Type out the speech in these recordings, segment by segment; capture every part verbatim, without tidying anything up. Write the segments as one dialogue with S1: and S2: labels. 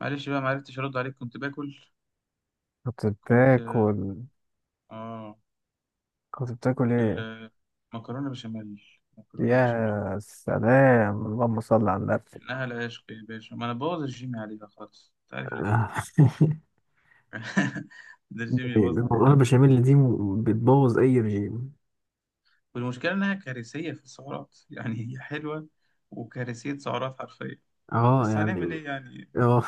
S1: معلش بقى معرفتش ارد عليك، كنت باكل.
S2: كنت
S1: كنت.
S2: بتاكل.
S1: اه.
S2: كنت بتاكل ايه؟
S1: المكرونه بشاميل، مكرونه
S2: يا
S1: بشاميل.
S2: سلام، اللهم صل على النبي.
S1: انها العشق يا باشا، ما انا بوظ الجيم عليها خالص، انت عارف اللي
S2: آه.
S1: فيها. ده الجيم يبوظ
S2: المكرونه
S1: عليها.
S2: البشاميل دي م- بتبوظ اي رجيم.
S1: والمشكله انها كارثيه في السعرات، يعني هي حلوه وكارثيه سعرات حرفيا.
S2: اه،
S1: بس هنعمل
S2: يعني.
S1: ايه يعني.
S2: اه.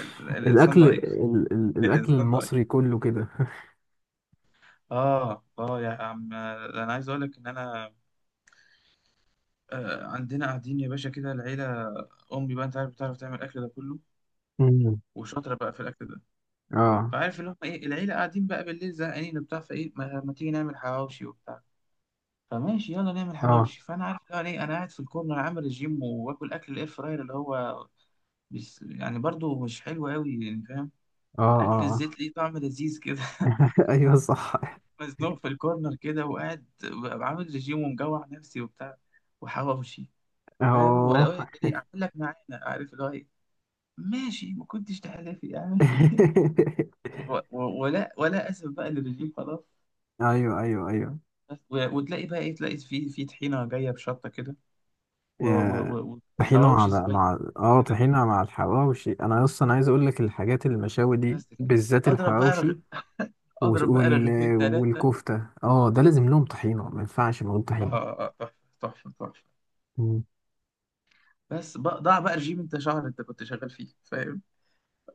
S1: ال... الانسان
S2: الاكل
S1: ضعيف.
S2: ال ال الاكل
S1: الانسان ضعيف.
S2: المصري كله كده.
S1: اه، اه، يا عم انا عايز اقول لك ان انا، آه، عندنا قاعدين يا باشا كده العيله. امي بقى انت عارف بتعرف تعمل الاكل ده كله،
S2: مم.
S1: وشاطره بقى في الاكل ده.
S2: اه،
S1: فعارف اللي هم ايه، العيله قاعدين بقى بالليل زهقانين وبتاع، فايه ما, ما تيجي نعمل حواوشي وبتاع. فماشي يلا نعمل
S2: اه،
S1: حواوشي، فانا عارف اللي هو ايه، انا قاعد في الكورنر عامل رجيم وباكل اكل الاير فراير اللي هو بس يعني برضو مش حلو قوي، يعني فاهم.
S2: اه،
S1: اكل
S2: اه. آه.
S1: الزيت ليه طعم لذيذ كده.
S2: ايوه، صح.
S1: مزنوق في الكورنر كده، وقاعد ببقى عامل رجيم ومجوع نفسي وبتاع، وحواوشي. فاهم؟ ولا
S2: اه.
S1: اقول لك ايه، اعمل لك معانا عارف اللي هو ايه. ماشي، ما كنتش تحلفي يعني. و- و- ولا ولا اسف بقى للرجيم خلاص.
S2: ايوه، ايوه، ايوه.
S1: بس و- وتلاقي بقى ايه، تلاقي في في طحينه جايه بشطه كده، و-
S2: آه،
S1: و- و-
S2: طحينة
S1: وحواوشي
S2: على
S1: سبايس
S2: مع اه
S1: كده.
S2: طحينة مع الحواوشي. انا اصلا عايز اقول لك الحاجات المشاوي دي
S1: بس كده.
S2: بالذات
S1: اضرب بقى رغ...
S2: الحواوشي و-
S1: اضرب بقى رغيفين
S2: وال...
S1: ثلاثه.
S2: والكفتة، اه ده لازم لهم طحينة، ما ينفعش من غير
S1: اه،
S2: طحينة.
S1: آه، آه، تحفه، تحفه، تحفه.
S2: مم.
S1: بس بقى ضاع بقى رجيم انت شهر انت كنت شغال فيه، فاهم؟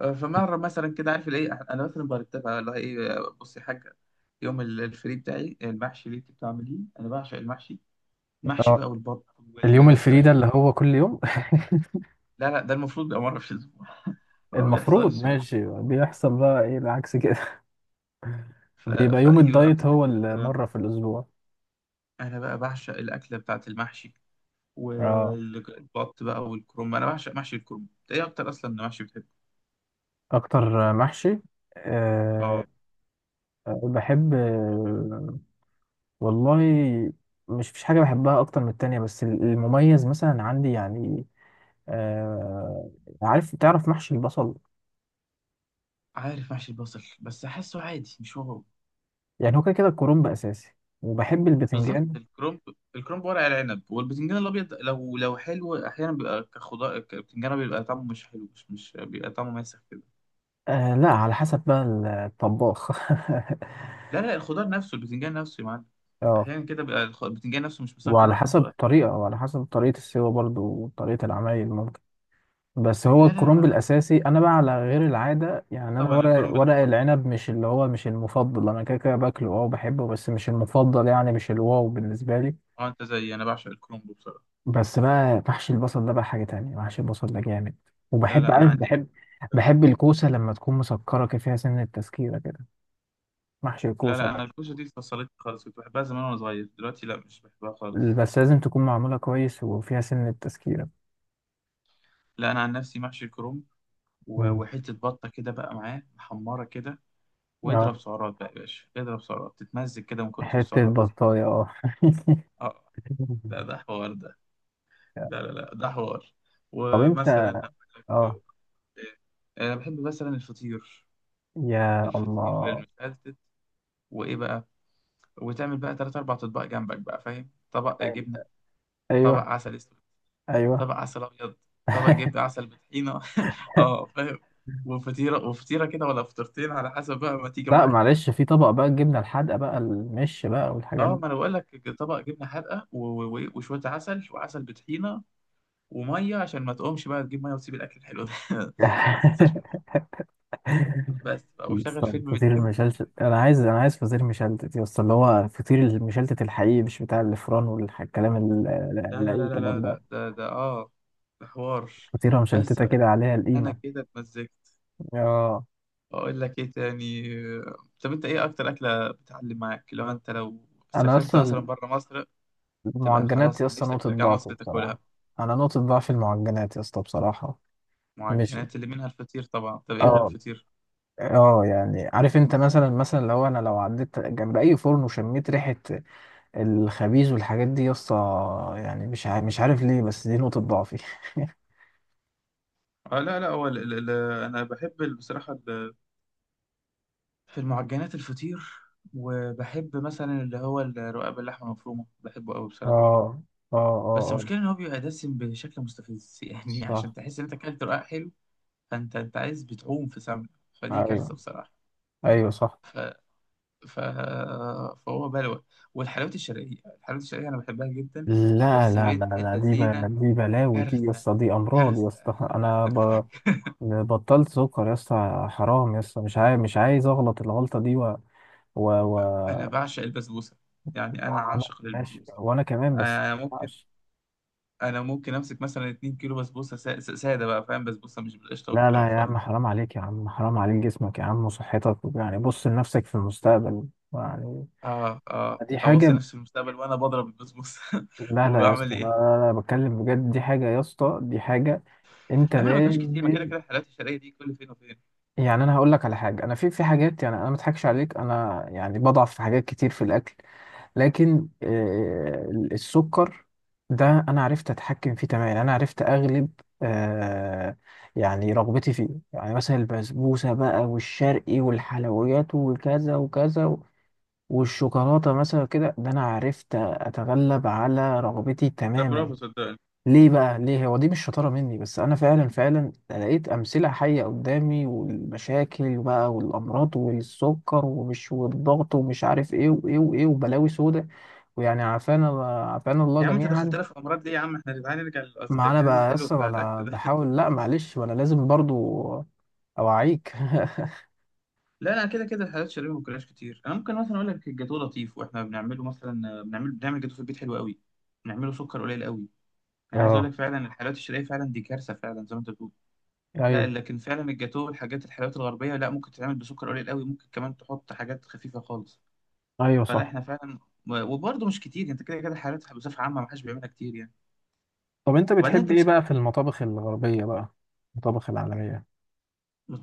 S1: آه، فمره مثلا كده، عارف الايه، انا مثلا برتبها اللي هو ايه، بصي يا حاجه، يوم ال- الفري بتاعي، المحشي اللي انت بتعمليه انا بعشق المحشي. المحشي
S2: اه.
S1: بقى والبط
S2: اليوم الفريدة
S1: والفراخ.
S2: اللي هو كل يوم.
S1: لا لا، ده المفروض يبقى مره في الاسبوع. ما
S2: المفروض،
S1: بيحصلش.
S2: ماشي، بيحصل بقى ايه، العكس كده.
S1: ف...
S2: بيبقى يوم
S1: فايه ببقى
S2: الدايت هو
S1: مستني بقى.
S2: المرة في الأسبوع.
S1: انا بقى بعشق الاكله بتاعت المحشي
S2: اه.
S1: والبط بقى والكرنب. انا بعشق محشي الكرنب. انت ايه اكتر اصلا محشي بتحبه؟
S2: أكتر محشي. أه.
S1: اه.
S2: بحب. والله. مش فيش حاجة بحبها أكتر من التانية، بس ال- المميز مثلا عندي يعني. آه عارف تعرف محشي البصل؟
S1: عارف محشي البصل، بس احسه عادي مش واو.
S2: يعني هو كده كده الكرنب أساسي. وبحب
S1: بالظبط
S2: البتنجان.
S1: الكرنب. الكرنب، ورق العنب، والبتنجان الابيض لو لو حلو احيانا بيبقى كخضار، ك- البتنجان بيبقى طعمه مش حلو، مش مش بيبقى طعمه ماسخ كده.
S2: آه، لا، على حسب بقى. الطباخ.
S1: لا لا، الخضار نفسه، البتنجان نفسه يا معلم.
S2: اه.
S1: احيانا كده بيبقى الخ- البتنجان نفسه مش مسكر،
S2: وعلى
S1: واحيانا
S2: حسب
S1: بيبقى حلو.
S2: الطريقة، وعلى حسب طريقة السوا برضو، وطريقة العمايل ممكن. بس هو
S1: لا لا
S2: الكرنب
S1: لا،
S2: الأساسي. أنا بقى على غير العادة
S1: آه
S2: يعني، أنا
S1: طبعا،
S2: ورق
S1: الكرنب ده
S2: ورق
S1: حوار لوحده.
S2: العنب مش اللي هو مش المفضل. أنا كده كده باكله، أه وبحبه، بس مش المفضل يعني، مش الواو بالنسبة لي.
S1: اه، انت زيي، انا بعشق الكرنب بصراحه.
S2: بس بقى محشي البصل ده بقى حاجة تانية. محشي البصل ده جامد.
S1: لا
S2: وبحب
S1: لا، انا
S2: عارف
S1: عندي اكل.
S2: بحب بحب الكوسة لما تكون مسكرة كده، فيها سن التسكيرة كده. محشي
S1: لا
S2: الكوسة
S1: لا،
S2: بقى.
S1: انا الكوسه دي فصلتني خالص، كنت بحبها زمان وانا صغير، دلوقتي لا، مش بحبها خالص.
S2: بس لازم تكون معمولة كويس وفيها سن التسكيرة.
S1: لا انا عن نفسي محشي الكرنب، و-
S2: مم.
S1: وحته بطه كده بقى معاه محمره كده،
S2: اه.
S1: واضرب سعرات بقى يا باشا، اضرب سعرات، تتمزج كده من كتر
S2: حتة
S1: السعرات.
S2: بطاية، اه.
S1: اه. لا ده حوار ده. لا لا لا، ده حوار.
S2: طب انت.
S1: ومثلا أقول
S2: اه.
S1: لك، آه، انا بحب مثلا الفطير،
S2: يا
S1: الفطير
S2: الله.
S1: المشلتت. وايه بقى؟ وتعمل بقى تلات أربع أطباق جنبك بقى، فاهم؟ طبق جبنة، طبق
S2: ايوه،
S1: عسل أسود،
S2: ايوه.
S1: طبق عسل أبيض، طبق جبنة، عسل بطحينة. اه، فاهم. وفطيرة وفطيرة كده، ولا فطيرتين على حسب بقى ما تيجي
S2: لا،
S1: معاك.
S2: معلش، في طبق بقى الجبنة الحادقة بقى، المش بقى، والحاجات
S1: اه
S2: دي.
S1: ما أنا بقول لك، طبق جبنة حادقة، و- و- و- وشوية عسل، وعسل بطحينة، ومية، عشان ما تقومش بقى تجيب مية وتسيب الأكل الحلو ده. ما تنساش مية. بس بقى، وشغل
S2: طب
S1: فيلم
S2: فطير
S1: بتحبه.
S2: المشلتت، انا عايز انا عايز فطير مشلتت يا اسطى، اللي هو فطير المشلتت الحقيقي، مش بتاع الفران والكلام ال-
S1: لا
S2: ال-
S1: لا
S2: اي
S1: لا لا لا
S2: كلام ده.
S1: لا، ده ده اه، ده حوار.
S2: فطيره
S1: بس
S2: مشلتته
S1: بقى
S2: كده عليها
S1: أنا
S2: القيمه.
S1: كده اتمزجت.
S2: اه.
S1: اقول لك ايه تاني؟ طب انت ايه اكتر اكله بتعلم معاك، لو انت لو
S2: انا
S1: سافرت مثلا
S2: اصلا
S1: بره مصر، تبقى
S2: المعجنات يا
S1: خلاص
S2: اسطى
S1: نفسك
S2: نقطه
S1: ترجع
S2: ضعفي
S1: مصر
S2: بصراحه.
S1: تاكلها؟
S2: انا نقطه ضعف المعجنات يا اسطى بصراحه. مش
S1: معجنات اللي منها الفطير طبعا، طب ايه غير
S2: اه
S1: الفطير؟
S2: اه يعني، عارف انت، مثلا مثلا لو انا لو عديت جنب اي فرن وشميت ريحه الخبيز والحاجات دي يا اسطى، يعني مش عارف مش عارف ليه، بس دي نقطه ضعفي.
S1: اه، لا لا، هو ال- ال- ال- انا بحب ال- بصراحه، ال- في المعجنات الفطير. وبحب مثلا اللي هو الرقاق باللحمه المفرومه، بحبه قوي بصراحه.
S2: اه، اه،
S1: بس
S2: اه،
S1: المشكله
S2: اه،
S1: ان هو بيبقى دسم بشكل مستفز، يعني عشان
S2: صح.
S1: تحس ان انت اكلت رقاق حلو، فانت انت عايز بتعوم في سمنه. فدي كارثه
S2: ايوه،
S1: بصراحه.
S2: ايوه، صح.
S1: ف... فهو بلوى. والحلويات الشرقية، الحلويات الشرقية أنا بحبها جدا.
S2: لا،
S1: بس
S2: لا، لا،
S1: بنت
S2: لا، دي ب...
S1: اللذينة،
S2: دي بلاوي دي يا
S1: كارثة،
S2: اسطى، دي امراض يا
S1: كارثة.
S2: اسطى. انا ب... بطلت سكر يا اسطى، حرام يا اسطى، مش عايز مش عايز اغلط الغلطه دي. و... و...
S1: أنا
S2: و...
S1: بعشق البسبوسة، يعني أنا
S2: وانا،
S1: عاشق
S2: ماشي،
S1: للبسبوسة.
S2: وانا كمان. بس ما
S1: أنا ممكن
S2: ينفعش.
S1: أنا ممكن أمسك مثلا 2 كيلو بسبوسة، سا- سا- سادة بقى، فاهم؟ بسبوسة مش بالقشطة
S2: لا،
S1: والكلام
S2: لا يا
S1: الفاضي
S2: عم،
S1: ده.
S2: حرام عليك يا عم، حرام عليك جسمك يا عم وصحتك، يعني بص لنفسك في المستقبل. يعني
S1: آه، آه،
S2: دي
S1: أوصي
S2: حاجه.
S1: نفسي المستقبل وأنا بضرب البسبوسة.
S2: لا، لا يا
S1: وبعمل
S2: اسطى، لا،
S1: إيه؟
S2: لا، لا، بتكلم بجد، دي حاجه يا اسطى، دي حاجه. انت
S1: لا ما أنا ما بجيبهاش كتير، ما كده
S2: لازم.
S1: كده الحلويات الشرقية دي كل فين وفين.
S2: يعني انا هقول لك على حاجه، انا في في حاجات، يعني انا ما اضحكش عليك، انا يعني بضعف في حاجات كتير في الاكل. لكن آه، السكر ده انا عرفت اتحكم فيه تماما. يعني انا عرفت اغلب آه، يعني رغبتي فيه. يعني مثلا البسبوسه بقى، والشرقي، والحلويات، وكذا وكذا، و- والشوكولاته مثلا كده، ده انا عرفت اتغلب على رغبتي
S1: لا،
S2: تماما.
S1: برافو، صدقني.
S2: ليه بقى؟ ليه هو دي مش شطارة مني، بس أنا فعلا فعلا لقيت أمثلة حية قدامي، والمشاكل بقى، والأمراض، والسكر ومش، والضغط ومش عارف إيه وإيه وإيه وبلاوي سودة. ويعني عافانا، عافانا الله
S1: يا عم انت
S2: جميعا.
S1: دخلتنا في الامراض ليه يا عم، احنا تعالى نرجع
S2: ما أنا
S1: للكلام
S2: بقى
S1: الحلو
S2: لسه
S1: بتاع
S2: وأنا
S1: الاكل ده.
S2: بحاول، لأ معلش، وأنا لازم برضو. أوعيك.
S1: لا انا كده كده الحلويات الشرقية ما باكلهاش كتير. انا ممكن مثلا اقول لك الجاتوه لطيف، واحنا بنعمله مثلا، بنعمل بنعمل جاتوه في البيت حلو قوي، بنعمله سكر قليل قوي. انا عايز اقول
S2: أه.
S1: لك، فعلا الحلويات الشرقيه فعلا دي كارثه فعلا زي ما انت بتقول. لا
S2: أيوه،
S1: لكن فعلا الجاتوه والحاجات الحلويات الغربيه، لا ممكن تتعمل بسكر قليل قوي، ممكن كمان تحط حاجات خفيفه خالص.
S2: أيوه،
S1: فلا
S2: صح.
S1: احنا فعلا. وبرضه مش كتير، انت كده كده الحلويات بصفه عامه ما حدش بيعملها كتير يعني.
S2: طب أنت
S1: وبعدين
S2: بتحب
S1: انت
S2: إيه
S1: مسكت.
S2: بقى في المطابخ الغربية بقى؟ المطابخ العالمية.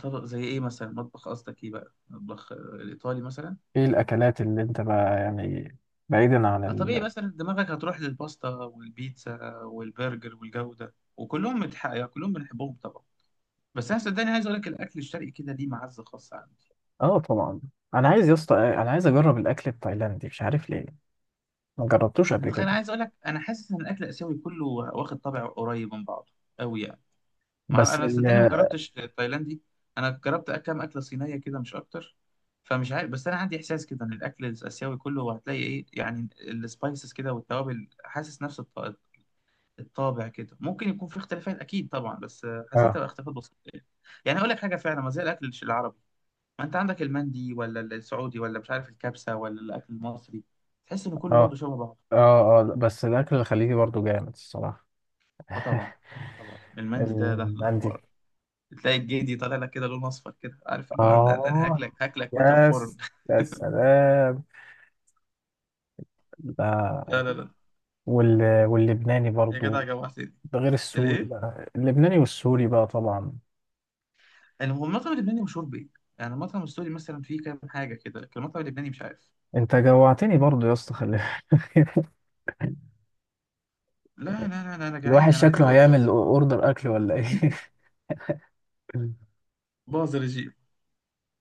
S1: طبق زي ايه مثلا؟ مطبخ قصدك ايه بقى؟ مطبخ آه، الايطالي مثلا؟
S2: إيه الأكلات اللي أنت بقى يعني؟ بعيدا عن.
S1: طبيعي مثلا دماغك هتروح للباستا والبيتزا والبرجر والجو ده، وكلهم متح... يعني كلهم بنحبهم طبعا، بس انا صدقني عايز اقول لك الاكل الشرقي كده ليه معزه خاصه عندي.
S2: اه، طبعا. انا عايز يا اسطى، انا عايز اجرب الاكل التايلاندي، مش عارف ليه. ما جربتوش قبل
S1: أنا
S2: كده.
S1: عايز اقول لك، انا حاسس ان الاكل الاسيوي كله واخد طابع قريب من بعضه قوي يعني. مع
S2: بس
S1: انا
S2: ال
S1: صدقني ما جربتش تايلاندي، انا جربت كام اكله صينيه كده مش اكتر. فمش عارف، بس انا عندي احساس كده ان الاكل الاسيوي كله هتلاقي ايه، يعني السبايسز كده والتوابل، حاسس نفس الطابع كده. ممكن يكون في اختلافات اكيد طبعا، بس آه، حسيتها
S2: اه،
S1: بقى اختلافات بسيطه يعني. يعني اقول لك حاجه، فعلا ما زي الاكل الش- العربي. ما انت عندك المندي، ولا السعودي، ولا مش عارف الكبسه، ولا الاكل المصري، تحس ان كله
S2: اه،
S1: برضه شبه بعض.
S2: اه، اه. بس الاكل الخليجي برضو جامد الصراحه.
S1: اه طبعا. طبعا المندي ده ده ده
S2: المندي.
S1: حوار. تلاقي الجدي طالع لك كده لون اصفر كده، عارف اللي هو، ده, ده انا
S2: اه.
S1: هاكلك، هاكلك وانت في الفرن.
S2: يس. يا سلام.
S1: لا
S2: ده،
S1: لا لا.
S2: وال... واللبناني
S1: يا جدع
S2: برضو.
S1: جوعتني.
S2: ده غير السوري
S1: الايه؟
S2: بقى، اللبناني والسوري بقى طبعا.
S1: المهم المطعم اللبناني مشهور بايه؟ يعني المطعم السوري مثلا فيه كام حاجه كده، لكن المطعم اللبناني مش عارف.
S2: انت جوعتني برضو يا اسطى، خلي بالك.
S1: لا لا لا لا، انا
S2: الواحد
S1: جعان، انا عايز
S2: شكله
S1: اقول.
S2: هيعمل اوردر اكل، ولا ايه؟
S1: باظ رجيم.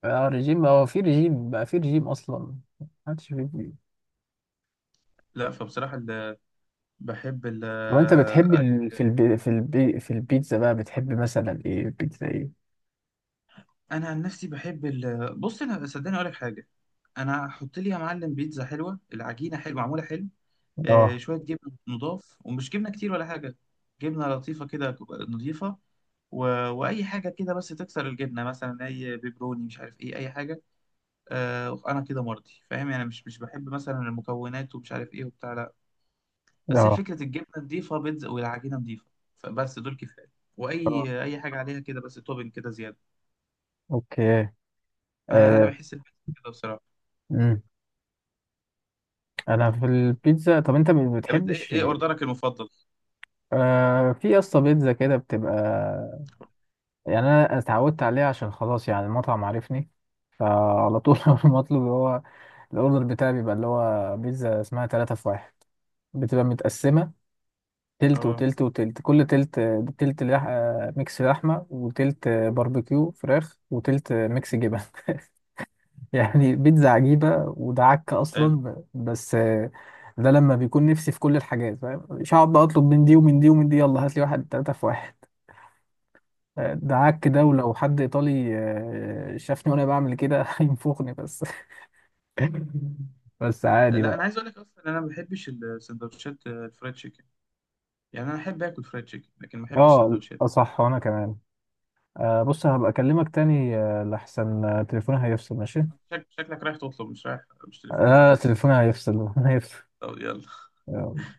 S2: اه، رجيم. هو في رجيم بقى؟ في رجيم اصلا؟ محدش في رجيم.
S1: لا فبصراحة ال- بحب
S2: وانت بتحب ال...
S1: الأكل.
S2: في الب... في الب... في البيتزا بقى، بتحب مثلا ايه؟ بيتزا ايه؟
S1: أنا عن نفسي بحب ال... بص، أنا صدقني أقول لك حاجة، أنا هحط لي يا معلم بيتزا حلوة، العجينة حلوة، معمولة حلو، آه
S2: اه،
S1: شوية جبنة نضاف، ومش جبنة كتير ولا حاجة، جبنة لطيفة كده نضيفة، و... وأي حاجة كده بس تكسر الجبنة، مثلا أي بيبروني، مش عارف إيه، أي حاجة. آه أنا كده مرضي، فاهم يعني؟ مش مش بحب مثلا المكونات ومش عارف إيه وبتاع، لا. بس هي
S2: اه،
S1: فكرة الجبنة نضيفة، بيتزا والعجينة نضيفة، فبس دول كفاية.
S2: اه،
S1: وأي أي حاجة عليها كده بس توبنج كده زيادة.
S2: اوكي.
S1: فأنا أنا
S2: آه...
S1: بحس البيتزا كده بصراحة.
S2: امم انا في البيتزا. طب انت ما
S1: طب أنت إيه
S2: بتحبش؟
S1: إيه أوردرك المفضل؟
S2: آه... في يا اسطى بيتزا كده بتبقى، يعني انا اتعودت عليها عشان خلاص، يعني المطعم عارفني، فعلى طول. المطلوب هو الاوردر بتاعي، بيبقى اللي هو بيتزا اسمها تلاتة في واحد، بتبقى متقسمة تلت
S1: أه،
S2: وتلت وتلت، كل تلت، تلت لح... آه، ميكس لحمة، وتلت باربيكيو فراخ، وتلت ميكس جبن. يعني بيتزا عجيبة، وده عك أصلا،
S1: حلو.
S2: ب- بس، آه، ده لما بيكون نفسي في كل الحاجات، فاهم؟ مش هقعد بقى أطلب من دي، ومن دي، ومن دي، يلا هات لي واحد تلاتة في واحد. آه، ده عك ده، ولو حد إيطالي آه، شافني وأنا بعمل كده هينفخني بس. بس عادي
S1: لا أنا
S2: بقى.
S1: عايز أقول لك أصلا أنا ما بحبش السندوتشات الفرايد تشيكن، يعني أنا أحب آكل فرايد تشيكن لكن ما بحبش
S2: اه،
S1: سندوتشات.
S2: آه، صح، وأنا كمان. آه، بص هبقى أكلمك تاني، آه، لحسن آه، تليفوني هيفصل، ماشي؟
S1: شك- شكلك رايح تطلب، مش رايح مش تليفون ولا
S2: اه،
S1: حاجة.
S2: تليفوني هيفصل هيفصل.
S1: طب يلا.
S2: يلا.